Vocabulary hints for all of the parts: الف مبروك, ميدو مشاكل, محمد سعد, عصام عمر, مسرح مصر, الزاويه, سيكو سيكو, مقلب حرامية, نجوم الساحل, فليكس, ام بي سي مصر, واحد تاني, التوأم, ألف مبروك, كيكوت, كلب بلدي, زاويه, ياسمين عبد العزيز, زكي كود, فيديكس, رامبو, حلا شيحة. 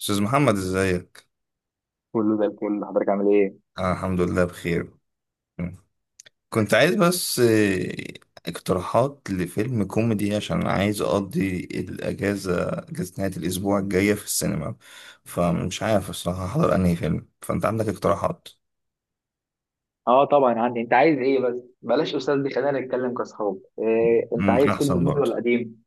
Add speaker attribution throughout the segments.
Speaker 1: أستاذ محمد إزيك؟
Speaker 2: كله زي الفل، حضرتك عامل ايه؟
Speaker 1: أنا الحمد لله بخير. كنت عايز بس اقتراحات لفيلم كوميدي عشان عايز أقضي أجازة نهاية الأسبوع الجاية في السينما، فمش عارف الصراحة أحضر أنهي فيلم. فأنت عندك اقتراحات؟
Speaker 2: اه طبعا عندي. انت عايز ايه بس؟ بلاش استاذ دي، خلينا نتكلم كاصحاب. إيه، انت
Speaker 1: ممكن
Speaker 2: عايز فيلم
Speaker 1: أحسن
Speaker 2: جديد
Speaker 1: برضه.
Speaker 2: ولا قديم؟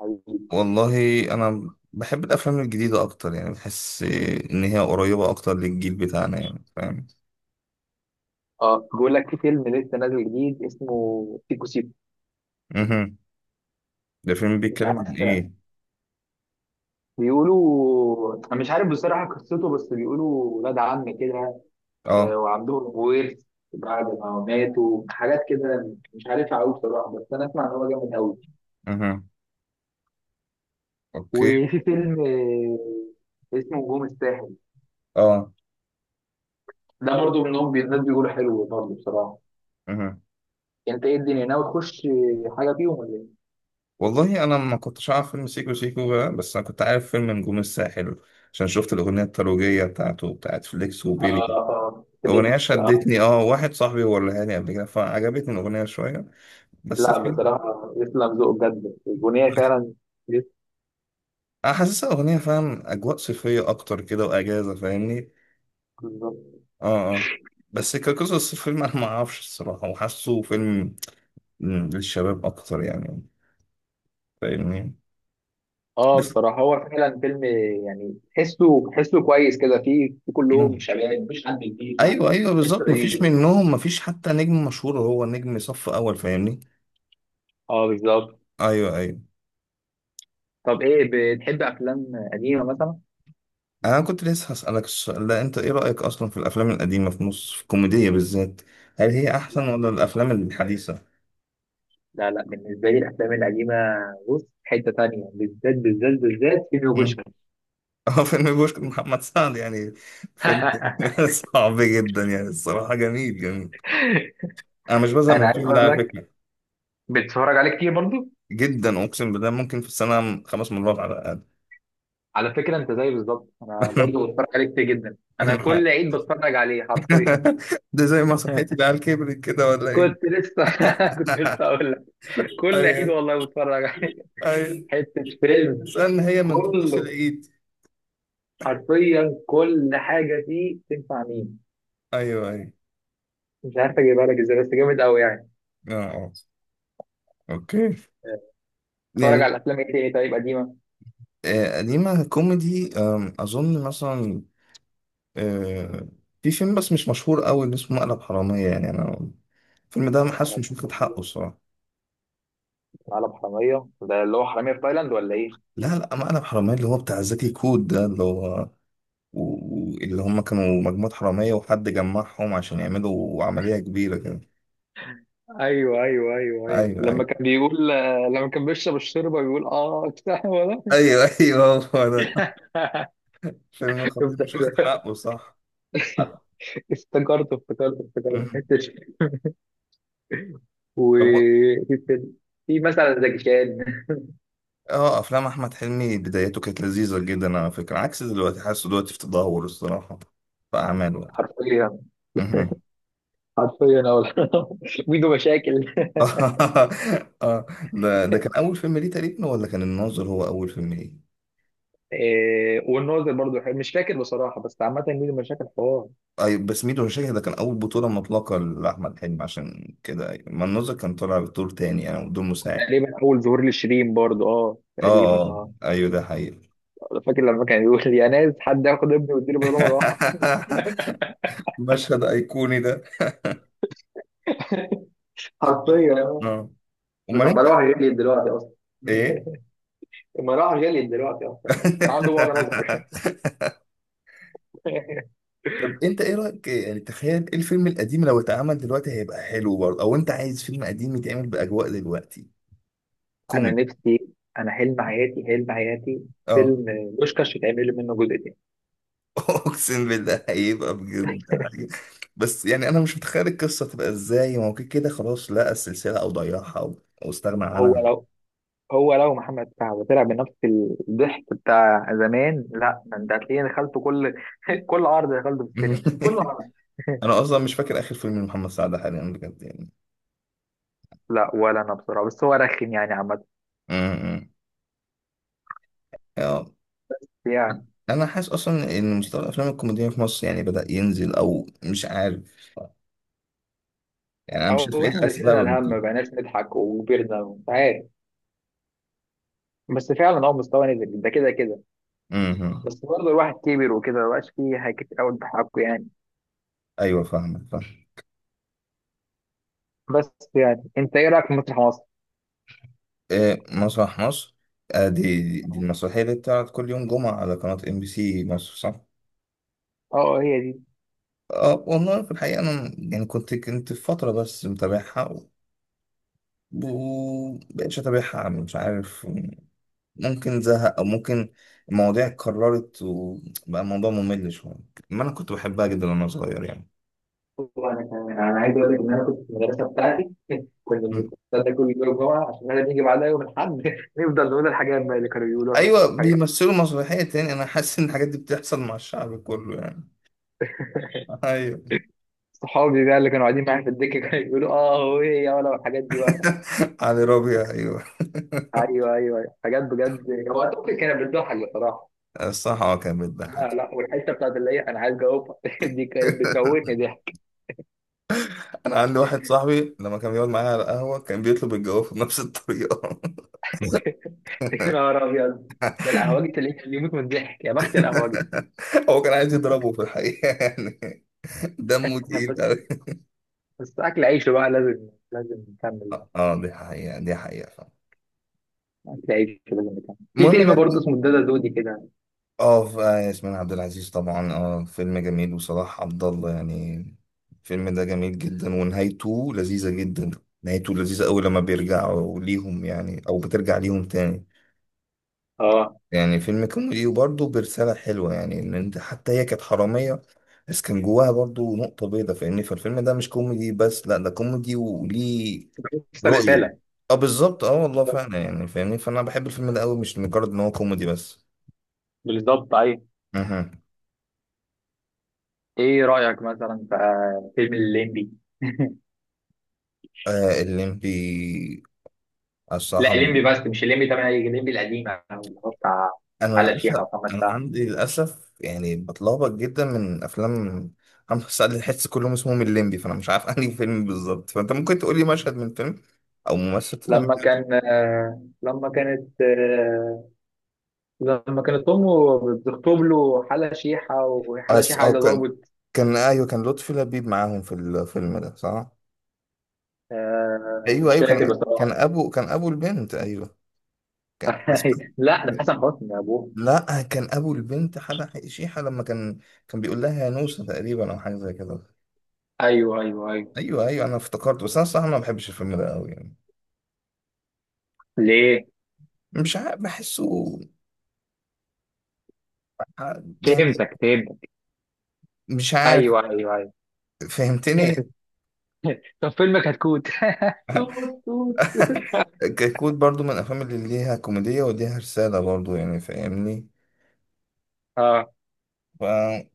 Speaker 2: حبيبي،
Speaker 1: والله أنا بحب الأفلام الجديدة أكتر، يعني بحس إن هي قريبة أكتر للجيل بتاعنا، يعني فاهم؟
Speaker 2: اه بقول لك في فيلم لسه نازل جديد اسمه سيكو سيكو.
Speaker 1: مهم. ده فيلم
Speaker 2: مش
Speaker 1: بيتكلم عن
Speaker 2: عارف،
Speaker 1: إيه؟
Speaker 2: بيقولوا، انا مش عارف بصراحه قصته، بس بيقولوا ولاد عم كده،
Speaker 1: آه.
Speaker 2: وعندهم ورث بعد ما ماتوا، حاجات كده مش عارفها قوي بصراحه، بس انا اسمع ان هو جامد قوي.
Speaker 1: مهم. أوكي.
Speaker 2: وفي فيلم اسمه نجوم الساحل،
Speaker 1: آه.
Speaker 2: ده برضه منهم، الناس بيقولوا حلو برضه بصراحه.
Speaker 1: مهم.
Speaker 2: انت ايه، الدنيا ناوي تخش حاجه فيهم ولا ايه؟
Speaker 1: والله انا ما كنتش عارف فيلم سيكو سيكو بقى، بس انا كنت عارف فيلم نجوم الساحل عشان شفت الاغنيه الترويجيه بتاعت فليكس
Speaker 2: آه
Speaker 1: وبيري.
Speaker 2: آه فيديكس
Speaker 1: الاغنيه شدتني، واحد صاحبي وريها لي قبل كده فعجبتني الاغنيه شويه، بس
Speaker 2: لا،
Speaker 1: الفيلم.
Speaker 2: بصراحة يسلم ذوق بجد، البنية فعلا يسلم
Speaker 1: انا حاسسها اغنيه، فاهم، اجواء صيفيه اكتر كده واجازه، فاهمني؟
Speaker 2: ذوق.
Speaker 1: اه اه. بس كقصص الفيلم انا ما اعرفش الصراحه، وحاسه فيلم للشباب اكتر يعني، فاهمني.
Speaker 2: اه
Speaker 1: بس-
Speaker 2: بصراحة هو فعلا فيلم يعني تحسه كويس كده، فيه في كلهم
Speaker 1: مم.
Speaker 2: شباب مش حد جديد، لا
Speaker 1: ايوه ايوه
Speaker 2: تحسه
Speaker 1: بالظبط، مفيش
Speaker 2: لذيذ.
Speaker 1: منهم مفيش حتى نجم مشهور، هو نجم صف اول، فاهمني.
Speaker 2: اه بالظبط.
Speaker 1: ايوه ايوه.
Speaker 2: طب ايه، بتحب افلام قديمة مثلا؟
Speaker 1: انا كنت لسه هسألك السؤال ده. انت ايه رأيك اصلا في الافلام القديمة في مصر، في الكوميدية بالذات؟ هل هي
Speaker 2: لا،
Speaker 1: احسن ولا الافلام الحديثة؟
Speaker 2: لا بالنسبة لي الافلام القديمة، بص حتة تانية، بالذات بالذات فيلم
Speaker 1: مم.
Speaker 2: وبوشكاش.
Speaker 1: اه فيلم بوشك محمد سعد يعني، فيلم صعب جدا يعني، الصراحة جميل جميل. انا مش بزهق من
Speaker 2: انا عايز
Speaker 1: الفيلم ده
Speaker 2: اقول
Speaker 1: على
Speaker 2: لك،
Speaker 1: فكرة،
Speaker 2: بتتفرج عليه كتير برضو؟
Speaker 1: جدا. اقسم بالله ممكن في السنة 5 مرات على الاقل.
Speaker 2: على فكرة انت زي بالظبط، انا برضه بتفرج عليه كتير جدا، انا كل عيد بتفرج عليه حرفيا.
Speaker 1: ده زي ما صحيت العيال كبرت كده ولا ايه؟
Speaker 2: كنت لسه، كنت لسه اقول لك، كل عيد
Speaker 1: ايوه
Speaker 2: والله بتفرج عليه.
Speaker 1: ايوه.
Speaker 2: حتة فيلم،
Speaker 1: استنى، هي من طقوس
Speaker 2: كله
Speaker 1: العيد؟
Speaker 2: حرفيا كل حاجة فيه تنفع مين،
Speaker 1: ايوه ايوه.
Speaker 2: مش عارف اجيبها لك ازاي، بس جامد قوي يعني.
Speaker 1: اه. اوكي.
Speaker 2: بتفرج
Speaker 1: يعني
Speaker 2: على افلام ايه تاني طيب قديمة؟
Speaker 1: قديمة كوميدي أظن مثلا، آه، في فيلم بس مش مشهور أوي اللي اسمه مقلب حرامية. يعني أنا الفيلم ده ما حاسه
Speaker 2: على،
Speaker 1: مش واخد حقه الصراحة.
Speaker 2: حرامية ده اللي هو حرامية في تايلاند ولا ايه؟
Speaker 1: لا لا، مقلب حرامية اللي هو بتاع زكي كود، ده اللي هو اللي هم كانوا مجموعة حرامية وحد جمعهم عشان يعملوا عملية كبيرة كده.
Speaker 2: ايوه،
Speaker 1: أيوه
Speaker 2: لما
Speaker 1: أيوه
Speaker 2: كان بيقول، لما كان بيشرب الشوربه بيقول بتاع ولا.
Speaker 1: أيوه. أيوه هو ده. فيلم
Speaker 2: شفت؟
Speaker 1: خطير مش واخد حقه، صح؟
Speaker 2: افتكرت
Speaker 1: مم.
Speaker 2: حته.
Speaker 1: طب،
Speaker 2: وفي فيلم، في مثلا زكي شان.
Speaker 1: اه افلام احمد حلمي بدايته كانت لذيذه جدا على فكره، عكس دلوقتي، حاسه دلوقتي في تدهور الصراحه في اعماله يعني.
Speaker 2: حرفيا،
Speaker 1: مهم.
Speaker 2: حرفيا. ميدو مشاكل.
Speaker 1: اه، ده كان اول فيلم ليه تقريبا، ولا كان الناظر هو اول فيلم ليه؟
Speaker 2: إيه، والناظر برضو حلو. مش فاكر بصراحه، بس عامه ميدو مشاكل حوار.
Speaker 1: اي بس ميدو مشاكل ده كان اول بطوله مطلقه لاحمد حلمي عشان كده، أيوة. ما الناظر كان طالع بدور تاني، يعني بدور مساعد.
Speaker 2: تقريبا اول ظهور لشيرين برضو، اه
Speaker 1: اه
Speaker 2: تقريبا،
Speaker 1: اه
Speaker 2: اه
Speaker 1: ايوه، ده حقيقي.
Speaker 2: فاكر لما كان يقول لي يا ناس، حد ياخد ابني ويديله بدل مروحه.
Speaker 1: مشهد ايقوني ده.
Speaker 2: حرفيا
Speaker 1: اه. امال
Speaker 2: ده
Speaker 1: انت
Speaker 2: مروحه جالي دلوقتي اصلا.
Speaker 1: ايه؟
Speaker 2: المروحه جالي دلوقتي اصلا، كان عنده بعد نظر.
Speaker 1: طب انت ايه رايك، يعني تخيل، ايه الفيلم القديم لو اتعمل دلوقتي هيبقى حلو برضه، او انت عايز فيلم قديم يتعمل باجواء دلوقتي
Speaker 2: انا
Speaker 1: كوميدي؟
Speaker 2: نفسي، انا حلم حياتي، حلم حياتي
Speaker 1: اه.
Speaker 2: فيلم بوشكاش يتعمل منه جزء تاني.
Speaker 1: اقسم بالله هيبقى بجد حاجة. بس يعني انا مش متخيل القصه تبقى ازاي، ما هو كده كده خلاص لقى السلسله او ضيعها أو استغنى
Speaker 2: هو
Speaker 1: عنها.
Speaker 2: لو، محمد سعد طلع بنفس الضحك بتاع زمان، لا ده انت هتلاقيني دخلته كل، كل عرض دخلته في السينما، كل عرض.
Speaker 1: انا اصلا مش فاكر اخر فيلم لمحمد سعد حاليا بجد يعني.
Speaker 2: لا، ولا انا بصراحه، بس هو رخم يعني عامه،
Speaker 1: امم. اه.
Speaker 2: يعني.
Speaker 1: انا حاسس اصلا ان مستوى الافلام الكوميديه في مصر يعني بدا ينزل، او مش عارف، يعني انا مش عارف
Speaker 2: او
Speaker 1: ايه
Speaker 2: احنا اللي
Speaker 1: الاسباب.
Speaker 2: شلنا الهم، ما بقيناش نضحك وكبرنا ومش عارف، بس فعلا هو مستوى نزل ده كده كده.
Speaker 1: امم.
Speaker 2: بس برضه الواحد كبر وكده، مبقاش فيه حاجات كتير قوي بحقه يعني.
Speaker 1: ايوه فاهمك فاهم.
Speaker 2: بس يعني، انت ايه رايك في مسرح مصر؟
Speaker 1: إيه مسرح مصر؟ آه دي، المسرحيه اللي بتعرض كل يوم جمعه على قناه MBC مصر، صح؟
Speaker 2: اه هي دي.
Speaker 1: اه والله في الحقيقه انا يعني كنت في فتره بس متابعها، ومبقتش اتابعها، مش عارف، ممكن زهق او ممكن المواضيع اتكررت وبقى الموضوع ممل شويه. ما انا كنت بحبها جدا وانا صغير يعني.
Speaker 2: وانا كمان، انا عايز اقول لك ان انا كنت في المدرسه بتاعتي، كنا
Speaker 1: مم.
Speaker 2: بنستنى كل يوم جمعه عشان احنا نيجي بعدها يوم الاحد. نفضل نقول الحاجات بقى اللي كانوا يقولوها في
Speaker 1: ايوه
Speaker 2: المسرحيه.
Speaker 1: بيمثلوا مسرحيه تاني. انا حاسس ان الحاجات دي بتحصل مع الشعب كله يعني. ايوه.
Speaker 2: صحابي بقى اللي كانوا قاعدين معايا في الدكه، كانوا يقولوا اه هو ايه يا ولا، والحاجات دي بقى.
Speaker 1: علي ربيع، ايوه.
Speaker 2: ايوه. حاجات بجد، هو اعتقد كانت بتضحك بصراحه.
Speaker 1: الصراحة اه كان
Speaker 2: لا،
Speaker 1: بيضحك.
Speaker 2: والحته بتاعت اللي هي انا عايز اجاوبها، دي كانت بتموتني ضحك.
Speaker 1: أنا عندي واحد صاحبي لما كان بيقعد معايا على القهوة كان بيطلب الجواب بنفس الطريقة.
Speaker 2: يا نهار ابيض، ده القهوجي تلاقيه كان يموت من الضحك، يا بخت القهوجي.
Speaker 1: هو كان عايز يضربه في الحقيقة يعني. دمه
Speaker 2: إحنا
Speaker 1: تقيل
Speaker 2: بس،
Speaker 1: أوي.
Speaker 2: بس اكل عيشه بقى، لازم نكمل.
Speaker 1: اه دي حقيقة دي حقيقة فعلا.
Speaker 2: تعيش في، مكان. في
Speaker 1: المهم
Speaker 2: فيلم
Speaker 1: نرجع.
Speaker 2: برضه اسمه الدادا دودي كده،
Speaker 1: اه ياسمين عبد العزيز طبعا، اه فيلم جميل، وصلاح عبد الله يعني. الفيلم ده جميل جدا ونهايته لذيذة جدا. نهايته لذيذة أوي لما بيرجعوا ليهم، يعني أو بترجع ليهم تاني.
Speaker 2: اه
Speaker 1: يعني فيلم كوميدي وبرضه برسالة حلوة، يعني إن أنت، حتى هي كانت حرامية بس كان جواها برضه نقطة بيضة، فاهمني؟ فالفيلم ده مش كوميدي بس، لأ، ده كوميدي وليه
Speaker 2: بس
Speaker 1: رؤية.
Speaker 2: رسالة.
Speaker 1: أه بالظبط، أه والله
Speaker 2: بالظبط،
Speaker 1: فعلا، يعني فاهمني، فأنا بحب الفيلم ده أوي، مش مجرد إن هو كوميدي بس.
Speaker 2: بالظبط ايوه.
Speaker 1: أها.
Speaker 2: ايه رأيك مثلا في فيلم الليمبي؟
Speaker 1: آه الليمبي،
Speaker 2: لا
Speaker 1: الصراحة
Speaker 2: الليمبي، بس مش الليمبي 8، الليمبي القديمة اللي هو بتاع
Speaker 1: أنا
Speaker 2: حلا
Speaker 1: للأسف،
Speaker 2: شيحة ومحمد
Speaker 1: أنا
Speaker 2: سعد.
Speaker 1: عندي للأسف يعني بتلخبط جدا، من أفلام محمد سعد الحس كلهم اسمهم الليمبي، فأنا مش عارف أنهي فيلم بالظبط. فأنت ممكن تقولي مشهد من فيلم او ممثل طلع معاه.
Speaker 2: لما كان لما كانت لما كانت امه بتخطب له حلا شيحة، وحلا شيحة
Speaker 1: أو
Speaker 2: عايزة
Speaker 1: كان،
Speaker 2: ضابط.
Speaker 1: كان أيوه، كان لطفي لبيب معاهم في الفيلم ده، صح؟ أيوه
Speaker 2: مش
Speaker 1: أيوه، كان
Speaker 2: فاكر
Speaker 1: كان
Speaker 2: بصراحة.
Speaker 1: أبو كان أبو البنت، أيوه. كان... بس...
Speaker 2: لا ده حسن حسني يا ابوه.
Speaker 1: لا، كان أبو البنت حلا شيحة. لما كان، بيقول لها يا نوسة تقريبا، أو حاجة زي كده.
Speaker 2: ايوه.
Speaker 1: أيوه أيوه، أنا افتكرت. بس أنا الصراحة ما بحبش الفيلم ده أوي يعني،
Speaker 2: ليه؟
Speaker 1: مش عارف بحسه يعني،
Speaker 2: فهمتك.
Speaker 1: مش عارف.
Speaker 2: ايوه.
Speaker 1: فهمتني.
Speaker 2: طب فيلمك هتكوت. توت توت.
Speaker 1: كيكوت برضو من الأفلام اللي ليها كوميدية وليها رسالة برضو، يعني فاهمني.
Speaker 2: اه
Speaker 1: ف-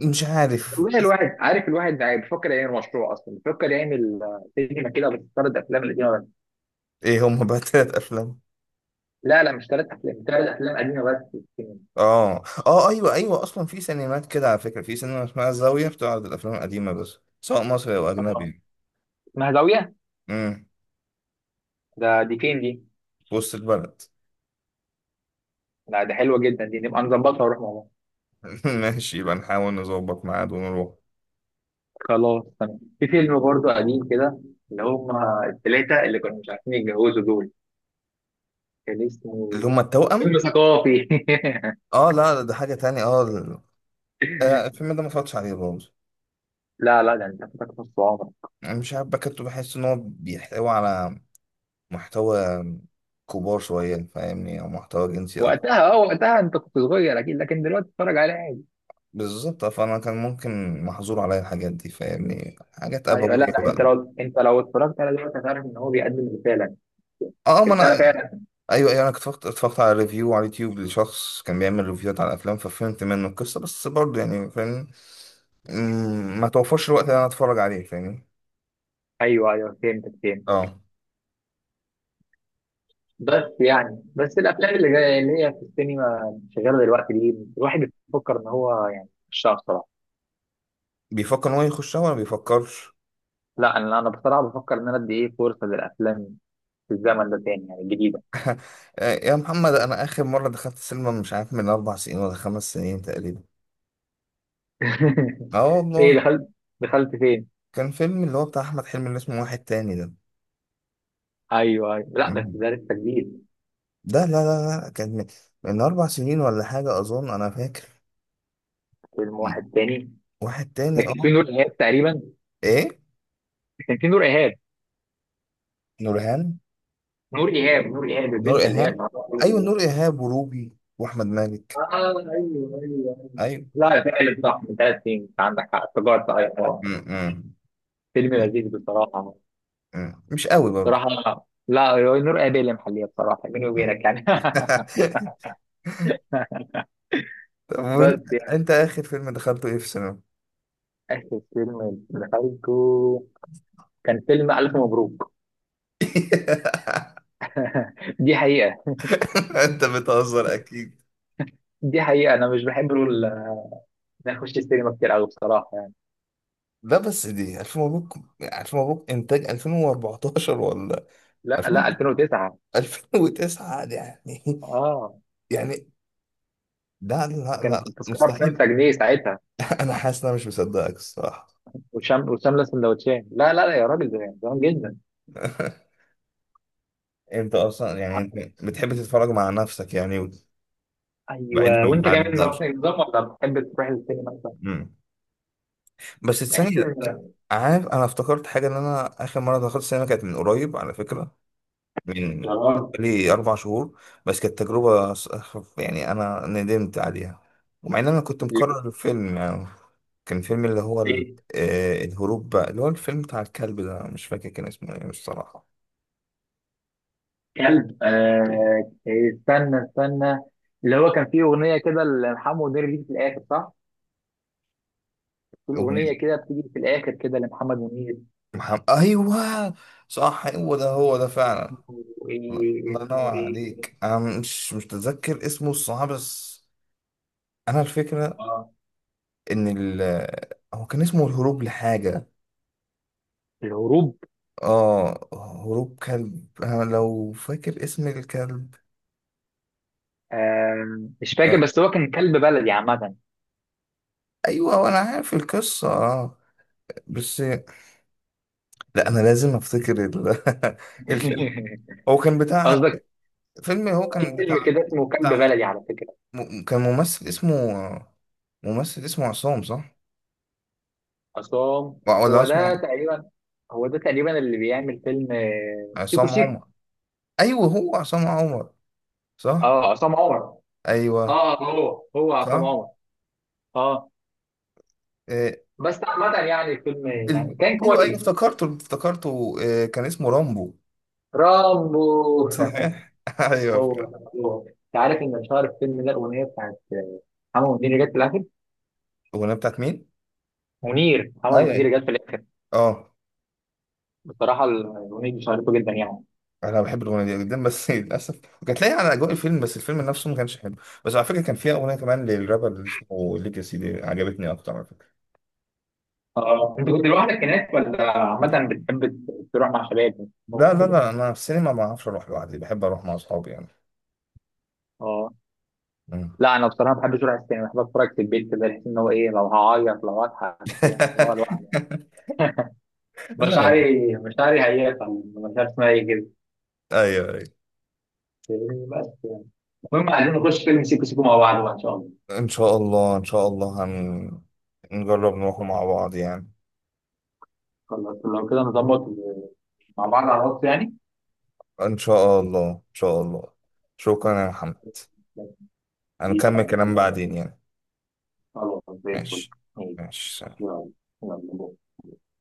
Speaker 1: مش عارف.
Speaker 2: والله الواحد عارف، الواحد يعني بيفكر يعمل مشروع، اصلا بيفكر يعمل سينما كده بس، 3 افلام قديمه بس.
Speaker 1: ايه هم بقى تلات افلام؟
Speaker 2: لا لا، مش 3 افلام، 3 افلام قديمه بس في السينما.
Speaker 1: اه اه ايوه ايوه، اصلا في سينمات كده على فكره، في سينما اسمها الزاويه بتعرض الافلام القديمه بس، سواء مصري او
Speaker 2: اه
Speaker 1: اجنبي.
Speaker 2: اسمها زاويه؟
Speaker 1: امم.
Speaker 2: ده دي فين دي؟
Speaker 1: في وسط البلد.
Speaker 2: لا ده حلوه جدا دي، نبقى نظبطها ونروح مع بعض.
Speaker 1: ماشي، يبقى نحاول نظبط ميعاد ونروح.
Speaker 2: خلاص تمام. في فيلم برضه قديم كده، اللي هم الثلاثه اللي كانوا مش عارفين يتجوزوا دول، كان اسمه
Speaker 1: اللي هم
Speaker 2: فيلم
Speaker 1: التوأم.
Speaker 2: ثقافي.
Speaker 1: اه لا لا، ده حاجه تانية. اه الفيلم ده ما اتفرجتش عليه برضه.
Speaker 2: لا لا، ده انت فاتك نص عمرك.
Speaker 1: أنا مش عارف بكتب، بحس ان هو بيحتوي على محتوى كبار شويه فاهمني، او محتوى جنسي اكتر.
Speaker 2: وقتها، وقتها انت كنت صغير اكيد، لكن دلوقتي اتفرج عليه عادي.
Speaker 1: بالظبط، فانا كان ممكن محظور عليا الحاجات دي فاهمني، حاجات
Speaker 2: ايوه، لا
Speaker 1: ابويه
Speaker 2: لا، انت
Speaker 1: بقى.
Speaker 2: لو، اتفرجت على دلوقتي هتعرف ان هو بيقدم رساله،
Speaker 1: اه ما انا،
Speaker 2: رساله فعلا.
Speaker 1: ايوه ايوه، انا كنت اتفرجت على ريفيو على اليوتيوب لشخص كان بيعمل ريفيوهات على الافلام، ففهمت منه القصه، بس برضه يعني فاهم، ما توفرش الوقت اللي انا اتفرج عليه فاهمني.
Speaker 2: ايوه فهمتك، فهمتك.
Speaker 1: اه.
Speaker 2: بس يعني، بس الافلام اللي جايه اللي هي في السينما شغاله دلوقتي دي، الواحد بيفكر ان هو يعني مش شاطر.
Speaker 1: بيفكر ان هو يخشها ولا بيفكرش.
Speaker 2: لا، انا، بصراحه بفكر ان انا ادي ايه فرصه للافلام في الزمن ده تاني يعني، الجديده.
Speaker 1: آه يا محمد، انا اخر مره دخلت السينما مش عارف، من 4 سنين ولا 5 سنين تقريبا. اه
Speaker 2: ايه
Speaker 1: والله.
Speaker 2: دخلت؟ دخلت فين؟
Speaker 1: كان فيلم اللي هو بتاع احمد حلمي اللي اسمه واحد تاني ده.
Speaker 2: ايوه ايوه، لا بس
Speaker 1: مم.
Speaker 2: ده لسه جديد.
Speaker 1: ده لا لا لا، كان من، من 4 سنين ولا حاجه، اظن انا فاكر.
Speaker 2: فيلم
Speaker 1: مم.
Speaker 2: واحد تاني،
Speaker 1: واحد تاني،
Speaker 2: لكن في
Speaker 1: اه.
Speaker 2: نور ايهاب تقريبا،
Speaker 1: ايه.
Speaker 2: كان في نور ايهاب.
Speaker 1: نورهان.
Speaker 2: نور ايهاب، نور ايهاب
Speaker 1: نور
Speaker 2: البنت اللي هي
Speaker 1: إيهاب.
Speaker 2: المعروفه
Speaker 1: أيوة،
Speaker 2: دي.
Speaker 1: نور إيهاب وروبي وأحمد مالك.
Speaker 2: اه ايوه ايوه ايوه.
Speaker 1: أيوة.
Speaker 2: لا فعلا صح، من 3 سنين، انت عندك حق، افتكرت ايوه.
Speaker 1: م-م.
Speaker 2: فيلم لذيذ بصراحه.
Speaker 1: م-م. مش قوي برضو.
Speaker 2: بصراحه، لا هو نور ايهاب اللي محليه بصراحه، بيني
Speaker 1: م.
Speaker 2: وبينك يعني.
Speaker 1: طب وأنت،
Speaker 2: بس يعني،
Speaker 1: أنت آخر فيلم دخلته إيه في السينما؟
Speaker 2: اخر فيلم دخلته كان فيلم الف مبروك. دي حقيقه،
Speaker 1: انت بتهزر اكيد.
Speaker 2: دي حقيقه، انا مش بحب نخش السينما كتير قوي بصراحه يعني.
Speaker 1: لا بس دي ألف مبروك. ألف مبروك إنتاج 2014 ولا
Speaker 2: لا لا
Speaker 1: 2000
Speaker 2: 2009،
Speaker 1: 2009 دي يعني
Speaker 2: اه
Speaker 1: يعني لا لا لا،
Speaker 2: كانت التذكره ب 5
Speaker 1: مستحيل.
Speaker 2: جنيه ساعتها،
Speaker 1: أنا حاسس إن أنا مش مصدقك الصراحة.
Speaker 2: وشام، وشامله سندوتشين. لا لا لا يا راجل، زمان زمان جدا.
Speaker 1: أنت أصلا يعني أنت بتحب تتفرج مع نفسك يعني، بعيد
Speaker 2: ايوه، وانت
Speaker 1: عن
Speaker 2: كمان
Speaker 1: المعاد.
Speaker 2: نفس النظام ولا بتحب تروح السينما مثلا؟
Speaker 1: مم. بس
Speaker 2: بحس
Speaker 1: الثانية،
Speaker 2: ان،
Speaker 1: عارف، أنا افتكرت حاجة إن أنا آخر مرة دخلت السينما كانت من قريب على فكرة، من
Speaker 2: اه
Speaker 1: حوالي 4 شهور، بس كانت تجربة يعني أنا ندمت عليها، ومع إن أنا كنت مكرر الفيلم يعني. كان فيلم اللي هو
Speaker 2: إيه؟
Speaker 1: الهروب بقى، اللي هو الفيلم بتاع الكلب ده، مش فاكر كان اسمه إيه الصراحة.
Speaker 2: كلب، استنى استنى. اللي هو كان فيه اغنيه كده لمحمد منير دي في الاخر صح؟ في الاغنيه
Speaker 1: أغنية
Speaker 2: كده بتيجي في الاخر كده لمحمد منير.
Speaker 1: محمد، أيوه. صح، هو ده هو ده فعلا.
Speaker 2: اسمه،
Speaker 1: الله
Speaker 2: ايه
Speaker 1: ينور
Speaker 2: اسمه، ايه
Speaker 1: عليك، أنا مش متذكر اسمه الصراحة. بس انا الفكره
Speaker 2: اه
Speaker 1: ان هو كان اسمه الهروب لحاجه،
Speaker 2: الهروب؟
Speaker 1: اه هروب كلب، انا لو فاكر اسم الكلب.
Speaker 2: آه مش
Speaker 1: آه.
Speaker 2: فاكر، بس هو كان كلب بلدي عامه.
Speaker 1: ايوه انا عارف القصه اه. بس لا، انا لازم افتكر الفيلم. هو كان بتاع،
Speaker 2: قصدك
Speaker 1: فيلم هو
Speaker 2: في
Speaker 1: كان
Speaker 2: فيلم
Speaker 1: بتاع،
Speaker 2: كده اسمه كلب
Speaker 1: بتاع
Speaker 2: بلدي على فكره.
Speaker 1: كان ممثل اسمه، ممثل اسمه عصام، صح؟
Speaker 2: عصام.
Speaker 1: ولا
Speaker 2: هو ده
Speaker 1: اسمه
Speaker 2: تقريبا، هو ده تقريبا اللي بيعمل فيلم سيكو
Speaker 1: عصام
Speaker 2: سيكو.
Speaker 1: عمر، ايوه هو عصام عمر، صح،
Speaker 2: اه عصام عمر.
Speaker 1: ايوه،
Speaker 2: اه هو هو عصام
Speaker 1: صح.
Speaker 2: عمر. اه
Speaker 1: آه،
Speaker 2: بس عامة يعني الفيلم، يعني
Speaker 1: ال-
Speaker 2: كان
Speaker 1: ايوه ايوه
Speaker 2: كويس.
Speaker 1: افتكرته، كان اسمه رامبو.
Speaker 2: رامبو.
Speaker 1: صحيح.
Speaker 2: هو،
Speaker 1: ايوه.
Speaker 2: انت عارف ان اشهر الفيلم ده الاغنيه بتاعت محمد منير جت في الاخر.
Speaker 1: الاغنيه بتاعت مين؟
Speaker 2: منير، محمد
Speaker 1: ايوه أيوة.
Speaker 2: منير جت في الاخر.
Speaker 1: اه.
Speaker 2: بصراحه الاغنيه دي شهرته جدا يعني.
Speaker 1: انا بحب الاغنيه دي جدا، بس للاسف كانت لاقيه على اجواء الفيلم، بس الفيلم نفسه ما كانش حلو. بس على فكره كان فيها اغنيه كمان للرابر اللي اسمه ليجاسي، دي عجبتني اكتر على فكره.
Speaker 2: اه انت كنت لوحدك هناك، ولا عامة بتحب تروح مع شباب
Speaker 1: لا لا
Speaker 2: وكده؟
Speaker 1: لا، انا في السينما ما اعرفش اروح لوحدي، بحب اروح مع اصحابي يعني.
Speaker 2: اه
Speaker 1: مم.
Speaker 2: لا، انا بصراحه ما بحبش اروح السينما، بحب اتفرج في البيت كده، بحس ان هو ايه، لو هعيط لو هضحك كده، إن هو لوحدي.
Speaker 1: لا لا.
Speaker 2: مشاعري، مشاعري هيافه مش عارف اسمها ايه كده،
Speaker 1: ايوه ايوه.
Speaker 2: فاهمني؟ بس يعني، المهم عايزين نخش فيلم سيكو سيكو مع بعض بقى ان شاء الله.
Speaker 1: ان شاء الله ان شاء الله نجرب نروح مع بعض يعني.
Speaker 2: خلاص، لو كده نظبط مع بعض على الوقت يعني.
Speaker 1: إن شاء الله إن شاء الله. شكرا يا محمد،
Speaker 2: بس دي
Speaker 1: هنكمل
Speaker 2: بقى
Speaker 1: كلام
Speaker 2: حلوة.
Speaker 1: بعدين يعني.
Speaker 2: خلاص زي الفل.
Speaker 1: ماشي.
Speaker 2: ماشي.
Speaker 1: ماشي سلام.
Speaker 2: يلا. يلا.